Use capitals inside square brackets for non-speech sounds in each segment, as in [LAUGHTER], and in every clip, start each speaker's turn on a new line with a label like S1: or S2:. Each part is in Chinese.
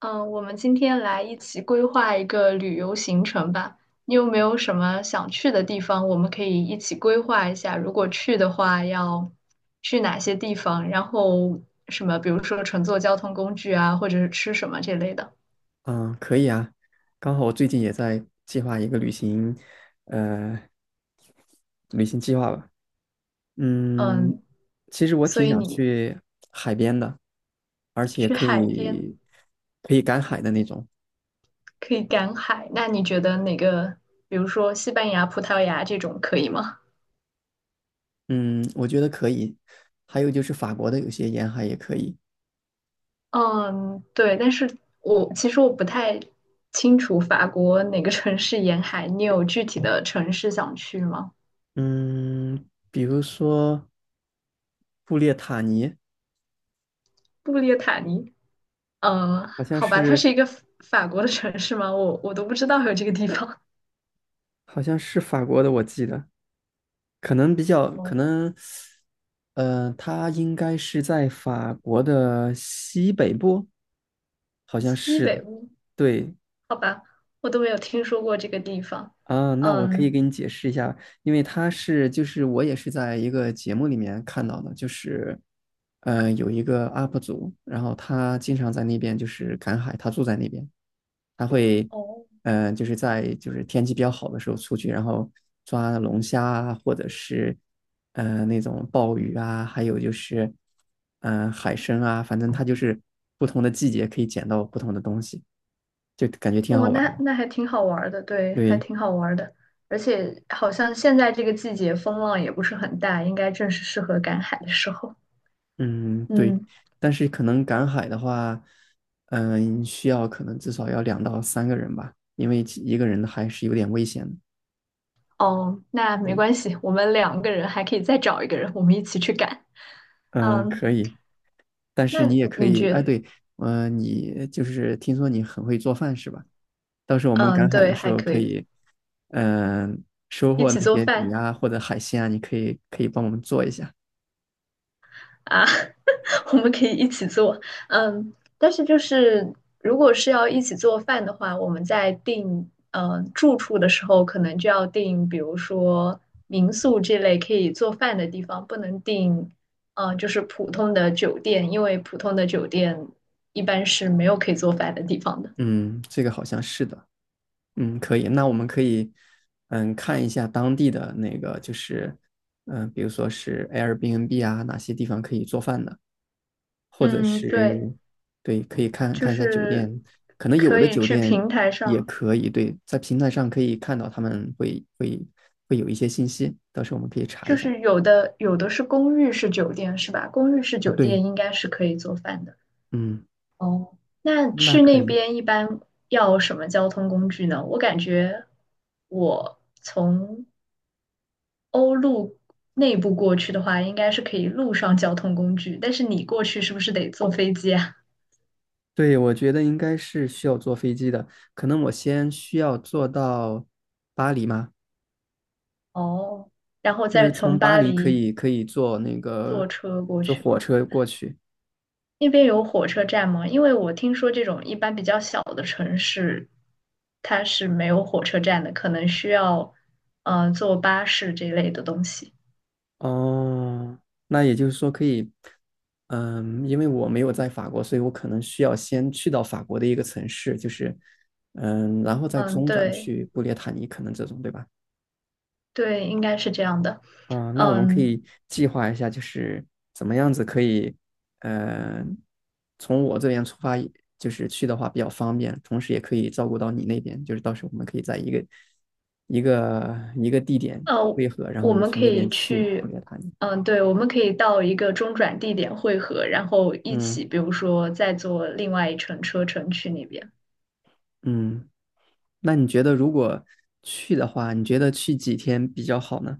S1: 嗯，我们今天来一起规划一个旅游行程吧。你有没有什么想去的地方？我们可以一起规划一下，如果去的话要去哪些地方，然后什么，比如说乘坐交通工具啊，或者是吃什么这类的。
S2: 嗯，可以啊，刚好我最近也在计划一个旅行，呃，旅行计划吧。嗯，
S1: 嗯，
S2: 其实我
S1: 所
S2: 挺
S1: 以
S2: 想
S1: 你
S2: 去海边的，而且
S1: 去
S2: 可
S1: 海边
S2: 以可以赶海的那种。
S1: 可以赶海，那你觉得哪个，比如说西班牙、葡萄牙这种可以吗？
S2: 嗯，我觉得可以。还有就是法国的有些沿海也可以。
S1: 嗯，对，但是我其实不太清楚法国哪个城市沿海，你有具体的城市想去吗？
S2: 嗯，比如说布列塔尼，
S1: 布列塔尼？嗯，
S2: 好像
S1: 好吧，它是
S2: 是
S1: 一个法国的城市吗？我都不知道有这个地方。
S2: 好像是法国的，我记得。可能比较
S1: [LAUGHS] 哦，
S2: 可能，他应该是在法国的西北部，好像
S1: 西
S2: 是
S1: 北
S2: 的。
S1: 部？
S2: 对
S1: 好吧，我都没有听说过这个地方。
S2: 啊，那我可以
S1: 嗯，
S2: 给你解释一下，因为就是我也是在一个节目里面看到的，就是有一个 UP 主，然后他经常在那边就是赶海，他住在那边，他会，
S1: 哦，
S2: 嗯，就是在就是天气比较好的时候出去，然后抓龙虾啊，或者是那种鲍鱼啊，还有就是海参啊，反正它就是不同的季节可以捡到不同的东西，就感觉挺
S1: 哦，
S2: 好玩儿
S1: 那
S2: 的。
S1: 那还挺好玩儿的，对，还
S2: 对，
S1: 挺好玩儿的。而且好像现在这个季节风浪也不是很大，应该正是适合赶海的时候。
S2: 嗯，对，
S1: 嗯。
S2: 但是可能赶海的话，需要可能至少要两到三个人吧，因为一个人还是有点危险的。
S1: 哦，那没
S2: 对，
S1: 关系，我们两个人还可以再找一个人，我们一起去赶。
S2: 嗯，
S1: 嗯，
S2: 可以。但是
S1: 那
S2: 你也可
S1: 你
S2: 以，哎，
S1: 觉
S2: 对，你就是听说你很会做饭是吧？到时候我们
S1: 嗯，
S2: 赶海
S1: 对，
S2: 的时
S1: 还
S2: 候
S1: 可
S2: 可
S1: 以
S2: 以，嗯、收
S1: 一
S2: 获
S1: 起
S2: 那
S1: 做
S2: 些鱼
S1: 饭
S2: 啊或者海鲜啊，你可以帮我们做一下。
S1: 啊，[LAUGHS] 我们可以一起做。嗯，但是就是如果是要一起做饭的话，我们在订住处的时候，可能就要订，比如说民宿这类可以做饭的地方，不能订就是普通的酒店，因为普通的酒店一般是没有可以做饭的地方的。
S2: 嗯，这个好像是的。嗯，可以。那我们可以，看一下当地的那个，就是，比如说是 Airbnb 啊，哪些地方可以做饭的。或者
S1: 嗯，对，
S2: 是对，可以看
S1: 就
S2: 看一下酒
S1: 是
S2: 店，可能有
S1: 可
S2: 的
S1: 以
S2: 酒
S1: 去
S2: 店
S1: 平台
S2: 也
S1: 上，
S2: 可以，对，在平台上可以看到他们会有一些信息，到时候我们可以查一
S1: 就
S2: 下
S1: 是有的是公寓式酒店是吧？公寓式
S2: 啊。
S1: 酒店
S2: 对，
S1: 应该是可以做饭的。
S2: 嗯，
S1: 哦，那
S2: 那
S1: 去
S2: 可
S1: 那
S2: 以。
S1: 边一般要什么交通工具呢？我感觉我从欧陆内部过去的话，应该是可以路上交通工具，但是你过去是不是得坐飞机啊？
S2: 对，我觉得应该是需要坐飞机的，可能我先需要坐到巴黎吗？
S1: 哦，然后
S2: 是不是
S1: 再
S2: 从
S1: 从
S2: 巴
S1: 巴
S2: 黎可
S1: 黎
S2: 以可以坐那个
S1: 坐车过
S2: 坐
S1: 去
S2: 火
S1: 吗？
S2: 车过去？
S1: 那边有火车站吗？因为我听说这种一般比较小的城市，它是没有火车站的，可能需要坐巴士这一类的东西。
S2: 哦，那也就是说可以，因为我没有在法国，所以我可能需要先去到法国的一个城市，就是，然后再
S1: 嗯，
S2: 中转
S1: 对
S2: 去布列塔尼，可能这种，对吧？
S1: 对，应该是这样的。
S2: 啊、那我们可
S1: 嗯
S2: 以计划一下，就是怎么样子可以，嗯，从我这边出发，就是去的话比较方便，同时也可以照顾到你那边，就是到时候我们可以在一个地点
S1: 呃，
S2: 汇合，然后
S1: 我
S2: 我们
S1: 们
S2: 从
S1: 可
S2: 那
S1: 以
S2: 边去布
S1: 去，
S2: 列塔尼。
S1: 嗯，对，我们可以到一个中转地点汇合，然后一
S2: 嗯
S1: 起，比如说再坐另外一程车程去那边。
S2: 嗯。那你觉得如果去的话，你觉得去几天比较好呢？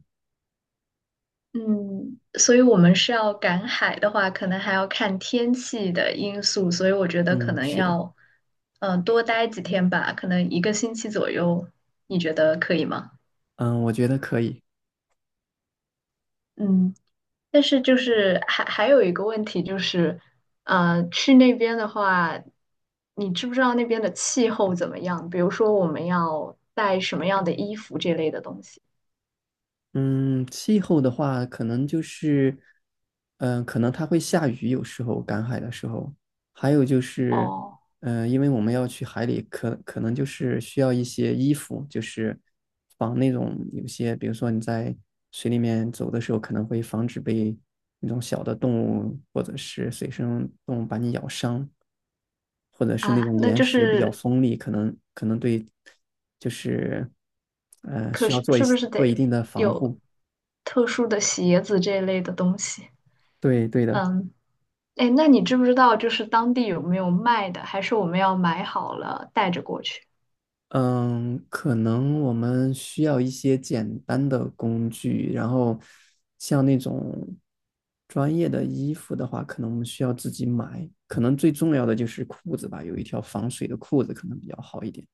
S1: 嗯，所以我们是要赶海的话，可能还要看天气的因素，所以我觉得可
S2: 嗯，
S1: 能
S2: 是的，
S1: 要，嗯、多待几天吧，可能一个星期左右，你觉得可以吗？
S2: 嗯，我觉得可以。
S1: 嗯，但是就是还有一个问题就是，去那边的话，你知不知道那边的气候怎么样？比如说我们要带什么样的衣服这类的东西？
S2: 嗯，气候的话，可能就是，可能它会下雨，有时候赶海的时候，还有就是，
S1: 哦，
S2: 因为我们要去海里，可能就是需要一些衣服，就是防那种有些，比如说你在水里面走的时候，可能会防止被那种小的动物或者是水生动物把你咬伤。或者是那
S1: 啊，
S2: 种
S1: 那
S2: 岩
S1: 就
S2: 石比较
S1: 是
S2: 锋利，可能对，就是
S1: 可
S2: 需要
S1: 是
S2: 做一
S1: 是不
S2: 些
S1: 是
S2: 做一
S1: 得
S2: 定的防
S1: 有
S2: 护。
S1: 特殊的鞋子这一类的东西？
S2: 对对的，
S1: 嗯，哎，那你知不知道就是当地有没有卖的，还是我们要买好了带着过去？
S2: 嗯，可能我们需要一些简单的工具，然后像那种专业的衣服的话，可能我们需要自己买。可能最重要的就是裤子吧，有一条防水的裤子可能比较好一点。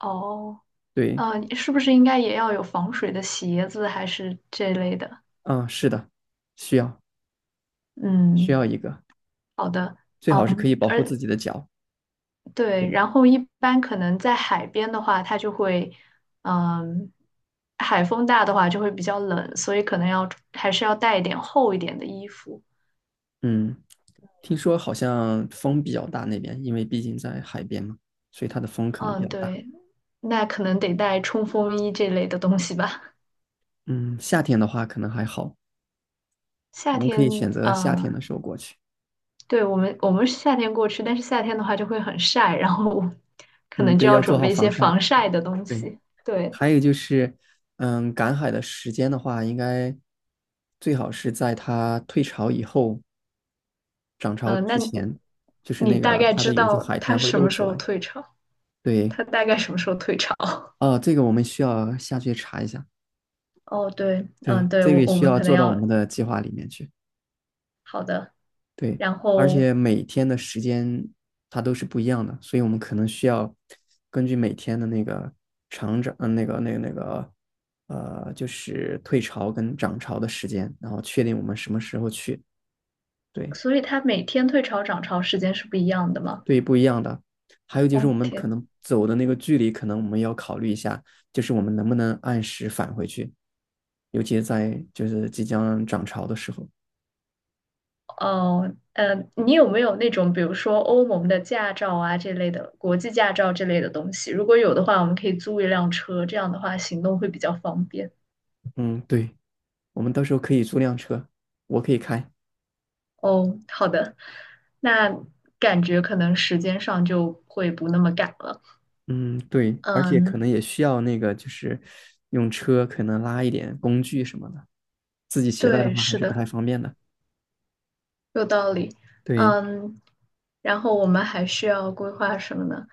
S1: 哦，
S2: 对，
S1: 嗯，你是不是应该也要有防水的鞋子，还是这类的？
S2: 啊，是的，需要需
S1: 嗯，
S2: 要一个，
S1: 好的，
S2: 最好是可以
S1: 嗯，
S2: 保护
S1: 而
S2: 自己的脚。对，
S1: 对，然后一般可能在海边的话，它就会，嗯，海风大的话就会比较冷，所以可能要还是要带一点厚一点的衣服。
S2: 嗯。听说好像风比较大那边，因为毕竟在海边嘛，所以它的风可能比较
S1: 嗯，
S2: 大。
S1: 对，那可能得带冲锋衣这类的东西吧。
S2: 嗯，夏天的话可能还好，
S1: 夏
S2: 我们可
S1: 天，
S2: 以选择夏天
S1: 啊，
S2: 的时候过去。
S1: 对，我们是夏天过去，但是夏天的话就会很晒，然后可
S2: 嗯，
S1: 能
S2: 对，
S1: 就要
S2: 要做
S1: 准
S2: 好
S1: 备一
S2: 防
S1: 些
S2: 晒。
S1: 防晒的东
S2: 对，
S1: 西。对，
S2: 还有就是，赶海的时间的话，应该最好是在它退潮以后，涨潮
S1: 嗯、
S2: 之
S1: 那
S2: 前，就是
S1: 你
S2: 那
S1: 大
S2: 个
S1: 概
S2: 它的
S1: 知
S2: 有些
S1: 道
S2: 海
S1: 它
S2: 滩会
S1: 什
S2: 露
S1: 么时
S2: 出
S1: 候
S2: 来。
S1: 退潮？
S2: 对，
S1: 它大概什么时候退潮？[LAUGHS]
S2: 啊，这个我们需要下去查一下。
S1: 哦，对，
S2: 对，
S1: 嗯，对，
S2: 这个
S1: 我
S2: 也
S1: 我
S2: 需
S1: 们
S2: 要
S1: 可能
S2: 做到我
S1: 要
S2: 们的计划里面去。
S1: 好的。
S2: 对，
S1: 然
S2: 而
S1: 后，
S2: 且每天的时间它都是不一样的，所以我们可能需要根据每天的那个长涨，就是退潮跟涨潮的时间，然后确定我们什么时候去。对，
S1: 所以它每天退潮涨潮时间是不一样的吗？
S2: 对于不一样的，还有就是我
S1: 哦，
S2: 们可
S1: 天，
S2: 能走的那个距离，可能我们要考虑一下，就是我们能不能按时返回去，尤其是在就是即将涨潮的时候。
S1: 哦，你有没有那种，比如说欧盟的驾照啊这类的，国际驾照这类的东西？如果有的话，我们可以租一辆车，这样的话行动会比较方便。
S2: 嗯，对，我们到时候可以租辆车，我可以开。
S1: 哦，好的，那感觉可能时间上就会不那么赶了。
S2: 嗯，对，而且可
S1: 嗯，
S2: 能也需要那个，就是用车可能拉一点工具什么的，自己携带的
S1: 对，
S2: 话还
S1: 是
S2: 是不
S1: 的，
S2: 太方便的。
S1: 有道理。
S2: 对，
S1: 嗯，然后我们还需要规划什么呢？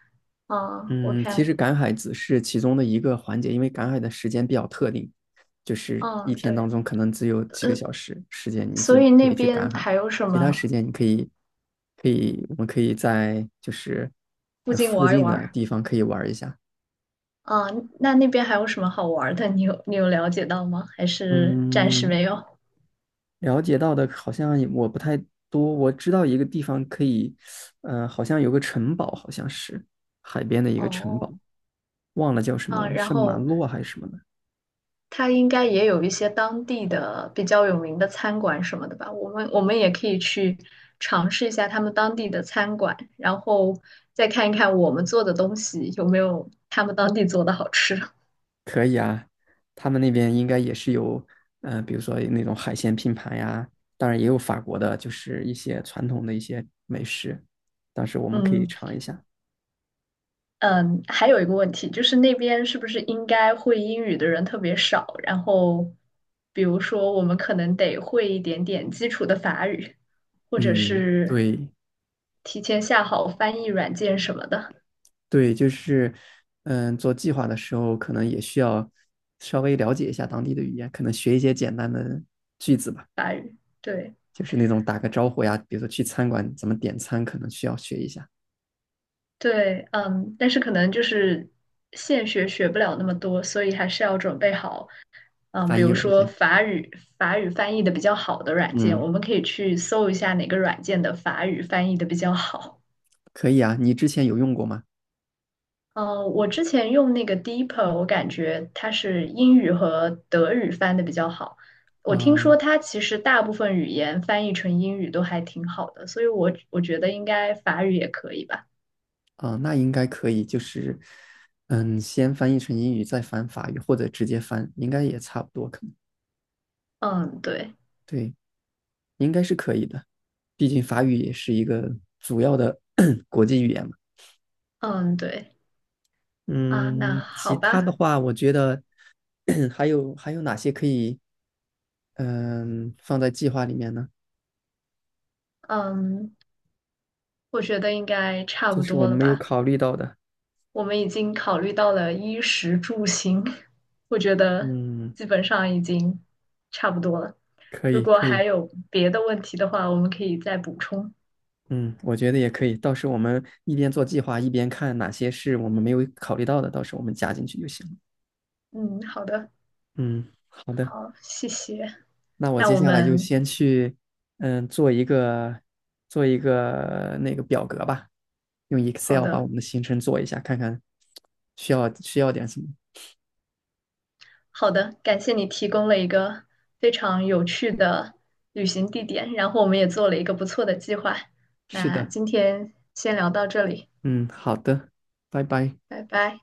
S1: 嗯，我
S2: 嗯，其
S1: 看，
S2: 实赶海只是其中的一个环节，因为赶海的时间比较特定，就是
S1: 嗯，
S2: 一天当
S1: 对，
S2: 中可能只有几个
S1: 呃，
S2: 小时时间你就
S1: 所以
S2: 可
S1: 那
S2: 以去
S1: 边
S2: 赶海，
S1: 还有什
S2: 其他时
S1: 么
S2: 间你可以，我们可以在就是
S1: 附近
S2: 附
S1: 玩一
S2: 近的
S1: 玩？
S2: 地方可以玩一下。
S1: 啊，那那边还有什么好玩儿的？你有了解到吗？还是暂时
S2: 嗯，
S1: 没有？
S2: 了解到的好像也我不太多，我知道一个地方可以，好像有个城堡，好像是海边的
S1: [LAUGHS]
S2: 一个城
S1: 哦，
S2: 堡，忘了叫什么
S1: 啊，
S2: 了，
S1: 然
S2: 圣马
S1: 后
S2: 洛还是什么的。
S1: 他应该也有一些当地的比较有名的餐馆什么的吧？我们也可以去尝试一下他们当地的餐馆，然后再看一看我们做的东西有没有他们当地做的好吃。
S2: 可以啊，他们那边应该也是有，比如说那种海鲜拼盘呀，当然也有法国的，就是一些传统的一些美食，到时候我
S1: [LAUGHS]
S2: 们可以
S1: 嗯。
S2: 尝一下。
S1: 嗯，还有一个问题就是那边是不是应该会英语的人特别少？然后，比如说我们可能得会一点点基础的法语，或者
S2: 嗯，
S1: 是
S2: 对，
S1: 提前下好翻译软件什么的
S2: 对，就是，做计划的时候可能也需要稍微了解一下当地的语言，可能学一些简单的句子吧，
S1: 法语。对
S2: 就是那种打个招呼呀，比如说去餐馆怎么点餐，可能需要学一下
S1: 对，嗯，但是可能就是现学学不了那么多，所以还是要准备好，嗯，比
S2: 翻译
S1: 如
S2: 软
S1: 说
S2: 件。
S1: 法语法语翻译的比较好的软件，我
S2: 嗯，
S1: 们可以去搜一下哪个软件的法语翻译的比较好。
S2: 可以啊，你之前有用过吗？
S1: 嗯，我之前用那个 Deeper，我感觉它是英语和德语翻的比较好。我听
S2: 嗯，
S1: 说它其实大部分语言翻译成英语都还挺好的，所以我觉得应该法语也可以吧。
S2: 啊，那应该可以，就是，先翻译成英语，再翻法语，或者直接翻，应该也差不多，可能，
S1: 嗯，对，
S2: 对，应该是可以的，毕竟法语也是一个主要的 [COUGHS] [CLEARS THROAT] 国际语言嘛。
S1: 嗯，对，啊，那
S2: 嗯，
S1: 好
S2: 其
S1: 吧，
S2: 他的话，我觉得 [CLEARS THROAT] 还有哪些可以放在计划里面呢？
S1: 嗯，我觉得应该差
S2: 就
S1: 不
S2: 是我
S1: 多
S2: 们
S1: 了
S2: 没有
S1: 吧。
S2: 考虑到的。
S1: 我们已经考虑到了衣食住行，[LAUGHS] 我觉得
S2: 嗯，
S1: 基本上已经差不多了。
S2: 可
S1: 如
S2: 以
S1: 果
S2: 可
S1: 还
S2: 以，
S1: 有别的问题的话，我们可以再补充。
S2: 嗯，我觉得也可以。到时候我们一边做计划，一边看哪些是我们没有考虑到的，到时候我们加进去就行了。
S1: 嗯，好的，
S2: 嗯，好的，
S1: 好，谢谢。
S2: 那我
S1: 那
S2: 接
S1: 我
S2: 下来就
S1: 们
S2: 先去做一个那个表格吧，用
S1: 好
S2: Excel 把我
S1: 的，
S2: 们的行程做一下，看看需要点什么。
S1: 好的，感谢你提供了一个非常有趣的旅行地点，然后我们也做了一个不错的计划。
S2: 是
S1: 那
S2: 的。
S1: 今天先聊到这里，
S2: 嗯，好的，拜拜。
S1: 拜拜。